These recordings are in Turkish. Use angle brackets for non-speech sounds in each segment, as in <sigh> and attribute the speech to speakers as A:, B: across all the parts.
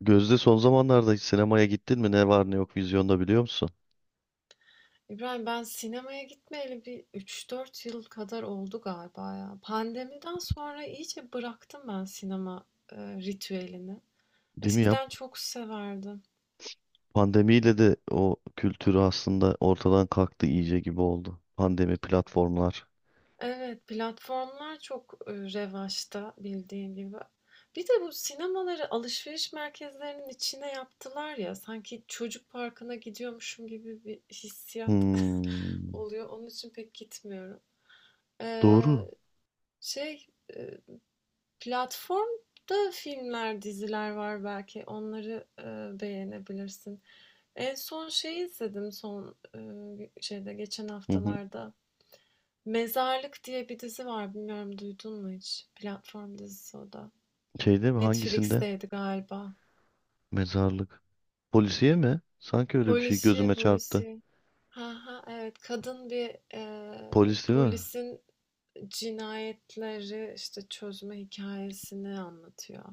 A: Gözde, son zamanlarda hiç sinemaya gittin mi? Ne var ne yok vizyonda biliyor musun?
B: İbrahim ben sinemaya gitmeyeli bir üç dört yıl kadar oldu galiba ya. Pandemiden sonra iyice bıraktım ben sinema ritüelini.
A: Değil mi ya?
B: Eskiden çok severdim.
A: Pandemiyle de o kültürü aslında ortadan kalktı iyice gibi oldu. Pandemi platformlar.
B: Evet, platformlar çok revaçta bildiğin gibi. Bir de bu sinemaları alışveriş merkezlerinin içine yaptılar ya. Sanki çocuk parkına gidiyormuşum gibi bir hissiyat <laughs>
A: Hmm,
B: oluyor. Onun için pek gitmiyorum. Ee,
A: doğru.
B: şey, e, Platformda filmler, diziler var belki. Onları, beğenebilirsin. En son şey izledim şeyde geçen
A: Hı hı.
B: haftalarda. Mezarlık diye bir dizi var. Bilmiyorum duydun mu hiç? Platform dizisi o da.
A: Şeyde mi? Hangisinde?
B: Netflix'teydi galiba.
A: Mezarlık. Polisiye mi? Sanki öyle bir şey
B: Polisiye,
A: gözüme çarptı.
B: polisiye. Ha ha evet. Kadın bir
A: Polis değil mi?
B: polisin cinayetleri işte çözme hikayesini anlatıyor.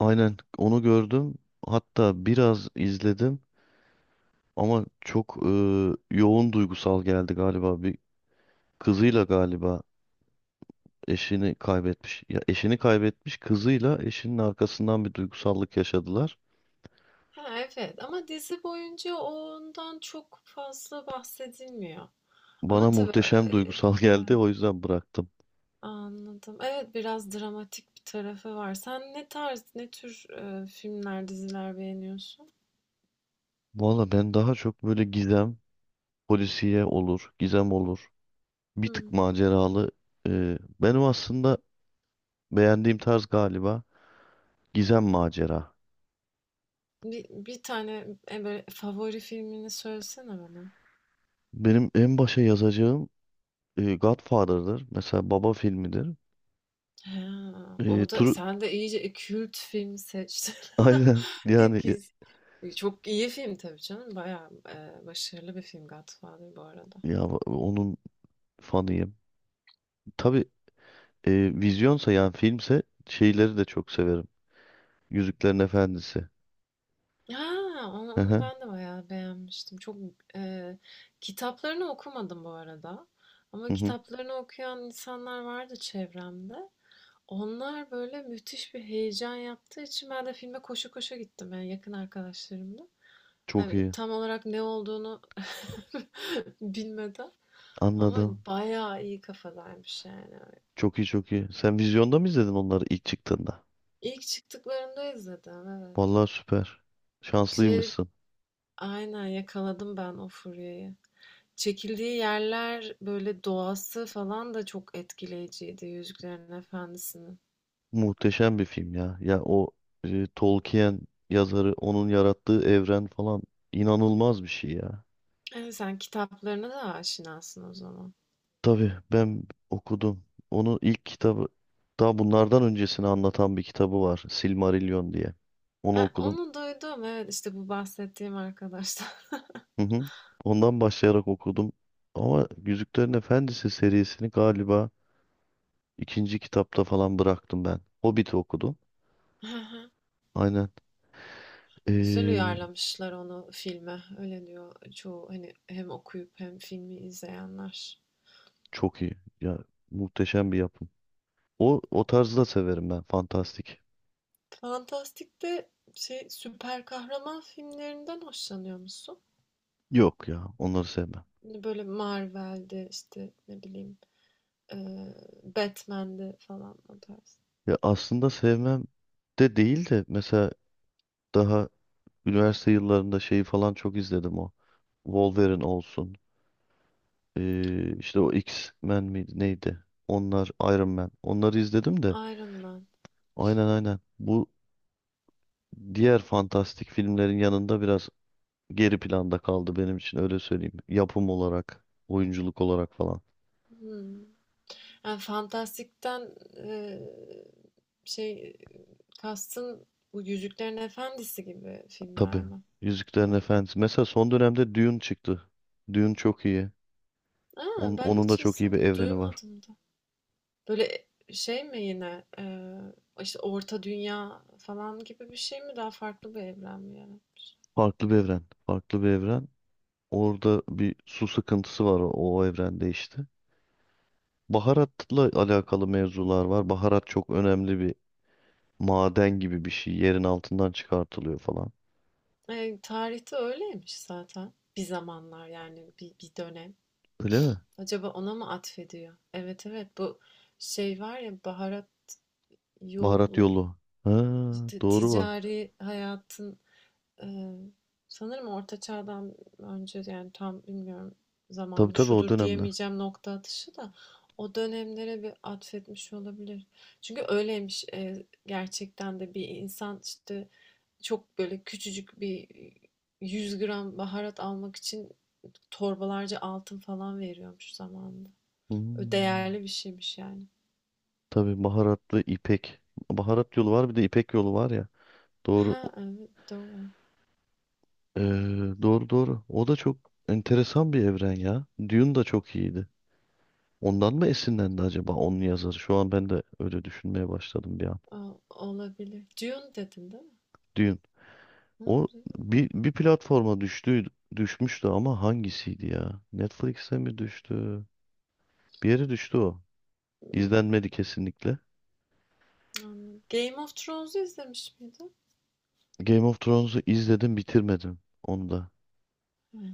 A: Aynen onu gördüm. Hatta biraz izledim ama çok yoğun duygusal geldi galiba. Bir kızıyla galiba eşini kaybetmiş. Ya eşini kaybetmiş, kızıyla eşinin arkasından bir duygusallık yaşadılar.
B: Ha, evet ama dizi boyunca ondan çok fazla bahsedilmiyor.
A: Bana
B: Ama tabii
A: muhteşem duygusal <laughs>
B: e, e,
A: geldi, o yüzden bıraktım.
B: anladım. Evet biraz dramatik bir tarafı var. Sen ne tarz, ne tür filmler, diziler beğeniyorsun?
A: Valla ben daha çok böyle gizem, polisiye olur, gizem olur. Bir
B: Hmm.
A: tık maceralı. Benim aslında beğendiğim tarz galiba gizem macera.
B: Bir tane böyle favori filmini söylesene bana.
A: Benim en başa yazacağım Godfather'dır. Mesela Baba filmidir.
B: Ha, o
A: E,
B: da
A: Tru-
B: sen de iyice kült film seçtin.
A: <laughs>
B: <laughs>
A: Aynen
B: Ne
A: yani ya,
B: güzel. Çok iyi film tabii canım. Bayağı başarılı bir film Godfather bu arada.
A: ya onun fanıyım. Tabii. E, Vizyonsa yani filmse şeyleri de çok severim. Yüzüklerin Efendisi.
B: Ha, onu
A: Hı
B: onu
A: hı,
B: ben de bayağı beğenmiştim. Çok eee, kitaplarını okumadım bu arada. Ama
A: hı hı.
B: kitaplarını okuyan insanlar vardı çevremde. Onlar böyle müthiş bir heyecan yaptığı için ben de filme koşu koşu gittim yani yakın arkadaşlarımla.
A: Çok
B: Yani
A: iyi.
B: tam olarak ne olduğunu <laughs> bilmeden ama
A: Anladım.
B: bayağı iyi kafadaymış yani.
A: Çok iyi, çok iyi. Sen vizyonda mı izledin onları ilk çıktığında?
B: İlk çıktıklarında izledim evet.
A: Vallahi süper.
B: Şey
A: Şanslıymışsın.
B: aynen yakaladım ben o furyayı. Çekildiği yerler, böyle, doğası falan da çok etkileyiciydi Yüzüklerin Efendisi'nin.
A: Muhteşem bir film ya. Ya o Tolkien yazarı, onun yarattığı evren falan inanılmaz bir şey ya.
B: Evet, sen kitaplarına da aşinasın o zaman.
A: Tabii ben okudum. Onun ilk kitabı, daha bunlardan öncesini anlatan bir kitabı var. Silmarillion diye. Onu
B: Ha,
A: okudum.
B: onu duydum. Evet, işte bu bahsettiğim arkadaşlar.
A: Hı hı. Ondan başlayarak okudum. Ama Yüzüklerin Efendisi serisini galiba ikinci kitapta falan bıraktım ben. Hobbit'i okudum.
B: <laughs> Hı hı.
A: Aynen.
B: Güzel
A: Ee,
B: uyarlamışlar onu filme. Öyle diyor çoğu hani hem okuyup hem filmi izleyenler.
A: çok iyi. Ya muhteşem bir yapım. O tarzı da severim ben. Fantastik.
B: Fantastik'te şey süper kahraman filmlerinden hoşlanıyor musun?
A: Yok ya, onları sevmem.
B: Hani Böyle Marvel'de işte ne bileyim eee Batman'de falan o tarz.
A: Ya aslında sevmem de değil de, mesela daha üniversite yıllarında şeyi falan çok izledim o. Wolverine olsun. İşte o X-Men miydi neydi? Onlar Iron Man. Onları izledim de
B: Iron Man.
A: aynen aynen. Bu diğer fantastik filmlerin yanında biraz geri planda kaldı benim için, öyle söyleyeyim. Yapım olarak, oyunculuk olarak falan.
B: Hımm. Yani fantastikten, şey, kastın bu Yüzüklerin Efendisi gibi filmler
A: Tabii.
B: mi?
A: Yüzüklerin
B: Ha.
A: Efendisi. Mesela son dönemde Dune çıktı. Dune çok iyi.
B: Aa
A: Onun,
B: Ben
A: onun da
B: hiç
A: çok iyi bir
B: isim
A: evreni var.
B: duymadım da. Böyle şey mi yine, işte, Orta Dünya falan gibi bir şey mi? Daha farklı bir evren mi yani?
A: Farklı bir evren. Farklı bir evren. Orada bir su sıkıntısı var o evrende işte. Baharatla alakalı mevzular var. Baharat çok önemli bir maden gibi bir şey. Yerin altından çıkartılıyor falan.
B: Tarihte öyleymiş zaten bir zamanlar yani bir dönem.
A: Öyle mi?
B: Acaba ona mı atfediyor? Evet, evet bu şey var ya baharat
A: Baharat
B: yolu
A: yolu. Ha,
B: işte
A: doğru bak.
B: ticari hayatın e, sanırım orta çağdan önce yani tam bilmiyorum
A: Tabii
B: zamanı
A: tabii, o
B: şudur
A: dönemler.
B: diyemeyeceğim nokta atışı da o dönemlere bir atfetmiş olabilir. Çünkü öyleymiş gerçekten de bir insan işte çok böyle küçücük bir 100 gram baharat almak için torbalarca altın falan veriyormuş zamanında.
A: Hmm,
B: Değerli bir şeymiş yani.
A: tabii baharatlı ipek. Baharat yolu var, bir de ipek yolu var ya. Doğru.
B: Ha evet doğru.
A: Ee, doğru doğru. O da çok enteresan bir evren ya. Dune da çok iyiydi. Ondan mı esinlendi acaba onun yazarı? Şu an ben de öyle düşünmeye başladım bir an.
B: O- Olabilir. Dune dedin değil mi?
A: Dune.
B: Hı,
A: O
B: Dune.
A: bir platforma düştü, düşmüştü ama hangisiydi ya? Netflix'e mi düştü? Bir yere düştü o. İzlenmedi kesinlikle.
B: Game of Thrones'u izlemiş miydin?
A: Game of Thrones'u izledim, bitirmedim onu da.
B: Hıı.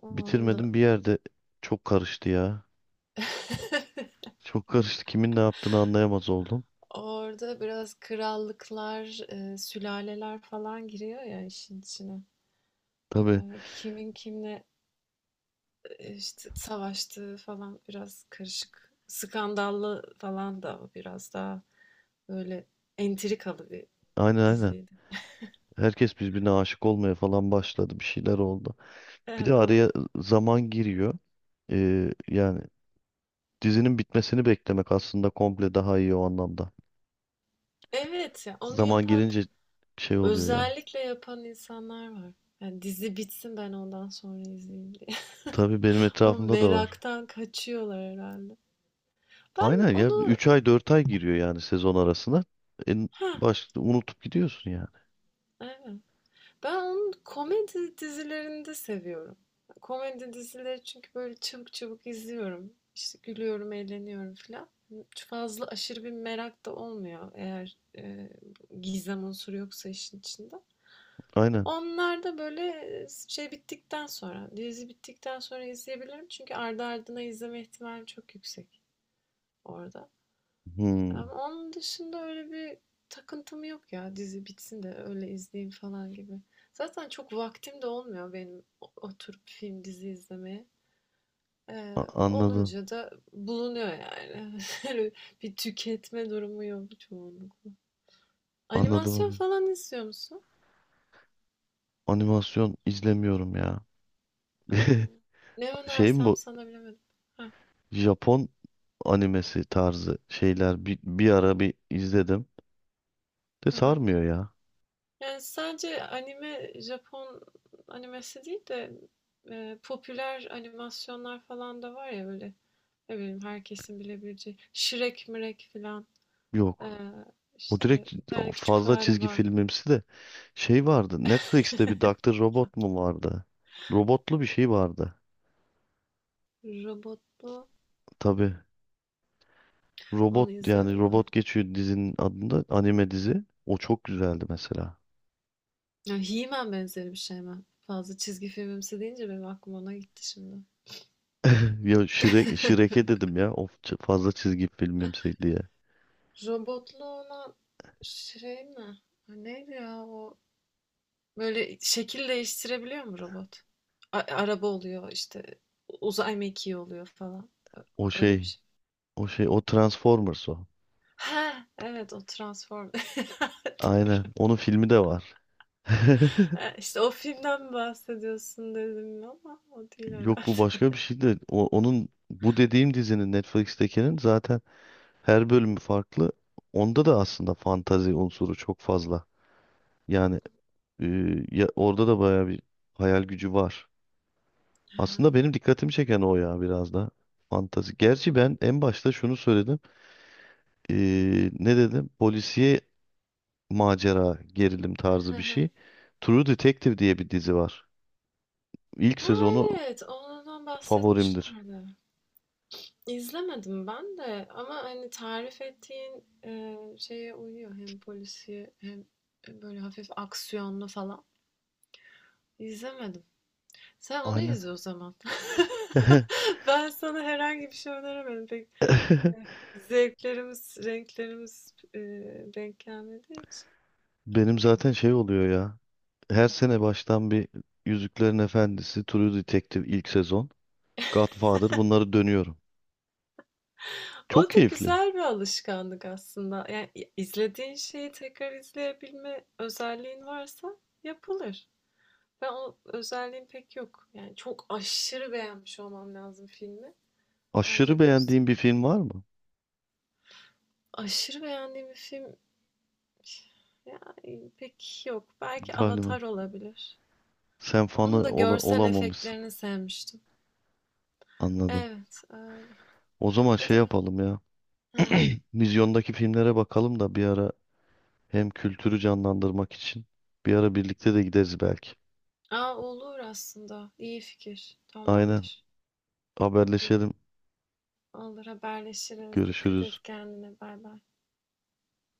B: Onda
A: Bitirmedim, bir yerde çok karıştı ya. Çok karıştı. Kimin ne yaptığını anlayamaz oldum.
B: orada biraz krallıklar, sülaleler falan giriyor ya işin içine.
A: Tabii
B: Kimin kimle, işte, savaştığı falan biraz karışık. Skandallı falan da biraz daha böyle entrikalı bir
A: aynen aynen.
B: diziydi.
A: Herkes birbirine aşık olmaya falan başladı. Bir şeyler oldu. Bir de
B: O
A: araya zaman giriyor. Yani dizinin bitmesini beklemek aslında komple daha iyi o anlamda.
B: Evet, ya onu
A: Zaman
B: yapan,
A: girince şey oluyor ya.
B: özellikle yapan insanlar var. Yani dizi bitsin ben ondan sonra izleyeyim.
A: Tabii benim
B: O
A: etrafımda da var.
B: meraktan kaçıyorlar herhalde. Ben
A: Aynen ya,
B: onu
A: 3 ay 4 ay giriyor yani sezon arasına. En
B: ha
A: baş unutup gidiyorsun yani.
B: evet. Ben onu komedi dizilerinde seviyorum. Komedi dizileri çünkü böyle çabuk çabuk izliyorum. İşte gülüyorum, eğleniyorum falan. Çok fazla aşırı bir merak da olmuyor eğer gizem unsuru yoksa işin içinde.
A: Aynen.
B: Onlar da böyle şey bittikten sonra, dizi bittikten sonra izleyebilirim. Çünkü ardı ardına izleme ihtimalim çok yüksek orada.
A: Hmm,
B: Ama onun dışında öyle bir takıntım yok ya. Dizi bitsin de öyle izleyeyim falan gibi. Zaten çok vaktim de olmuyor benim oturup film dizi izlemeye.
A: anladım.
B: Olunca da bulunuyor yani. <laughs> Öyle bir tüketme durumu yok çoğunlukla.
A: Anladım
B: Animasyon
A: onu.
B: falan izliyor musun?
A: Animasyon izlemiyorum ya.
B: Aa,
A: <laughs>
B: ne
A: Şey mi
B: önersem
A: bu?
B: sana bilemedim. Ha,
A: Japon animesi tarzı şeyler bir ara bir izledim. De
B: ha, ha.
A: sarmıyor ya.
B: Yani sadece anime, Japon animesi değil de popüler animasyonlar falan da var ya böyle. Ne bileyim herkesin bilebileceği. Şirek mirek filan. Ee,
A: Yok. O
B: işte
A: direkt
B: bir tane küçük
A: fazla
B: fare
A: çizgi
B: var.
A: filmimsi de şey vardı. Netflix'te bir
B: <laughs>
A: Dr. Robot mu vardı? Robotlu bir şey vardı.
B: Robotlu.
A: Tabii.
B: Onu
A: Robot, yani
B: izledin mi?
A: robot geçiyor dizinin adında, anime dizi. O çok güzeldi mesela.
B: Ya He-Man benzeri bir şey mi? Fazla çizgi filmimsi deyince benim aklım ona gitti şimdi.
A: <laughs> Ya Shrek,
B: <laughs>
A: Shrek'e dedim ya. Of fazla çizgi filmimsi diye.
B: Robotlu olan şey mi? Ha, neydi ya o? Böyle şekil değiştirebiliyor mu robot? Araba oluyor işte uzay mekiği oluyor falan. Ö-
A: O
B: Öyle bir
A: şey,
B: şey.
A: o Transformers o.
B: Ha, evet o Transform. <laughs>
A: Aynen.
B: Doğru.
A: Onun filmi de var. <laughs>
B: Ha, İşte o filmden bahsediyorsun dedim ama o değil
A: Yok bu
B: herhalde.
A: başka bir şey de. Onun bu dediğim dizinin, Netflix'tekinin, zaten her bölümü farklı. Onda da aslında fantazi unsuru çok fazla. Yani e, orada da bayağı bir hayal gücü var. Aslında benim dikkatimi çeken o ya biraz da. Fantazi. Gerçi ben en başta şunu söyledim. E, ne dedim? Polisiye, macera, gerilim tarzı bir
B: <laughs>
A: şey. True Detective diye bir dizi var. İlk
B: Ha
A: sezonu
B: evet, ondan
A: favorimdir.
B: bahsetmişlerdi. İzlemedim ben de ama hani tarif ettiğin şeye uyuyor hem polisiye hem böyle hafif aksiyonlu falan. İzlemedim. Sen onu
A: Aynen.
B: izle o zaman. <laughs>
A: <laughs>
B: Ben sana herhangi bir şey öneremedim. Pek zevklerimiz, renklerimiz denk gelmediği için.
A: Benim zaten şey oluyor ya. Her sene baştan bir Yüzüklerin Efendisi, True Detective ilk sezon, Godfather, bunları dönüyorum. Çok
B: O da
A: keyifli.
B: güzel bir alışkanlık aslında. Yani izlediğin şeyi tekrar izleyebilme özelliğin varsa yapılır. Ben o özelliğim pek yok. Yani çok aşırı beğenmiş olmam lazım filmi.
A: Aşırı
B: Ancak o
A: beğendiğin bir film var mı?
B: aşırı beğendiğim bir film yani pek yok. Belki
A: Galiba.
B: Avatar olabilir.
A: Sen
B: Onun
A: fanı
B: da görsel
A: olamamışsın.
B: efektlerini sevmiştim.
A: Anladım.
B: Evet, öyle.
A: O zaman şey
B: Hadi be.
A: yapalım ya.
B: Hı.
A: Vizyondaki filmlere bakalım da bir ara, hem kültürü canlandırmak için. Bir ara birlikte de gideriz belki.
B: Aa, olur aslında. İyi fikir.
A: Aynen.
B: Tamamdır.
A: Haberleşelim.
B: Olur haberleşiriz. Dikkat
A: Görüşürüz.
B: et kendine. Bay bay.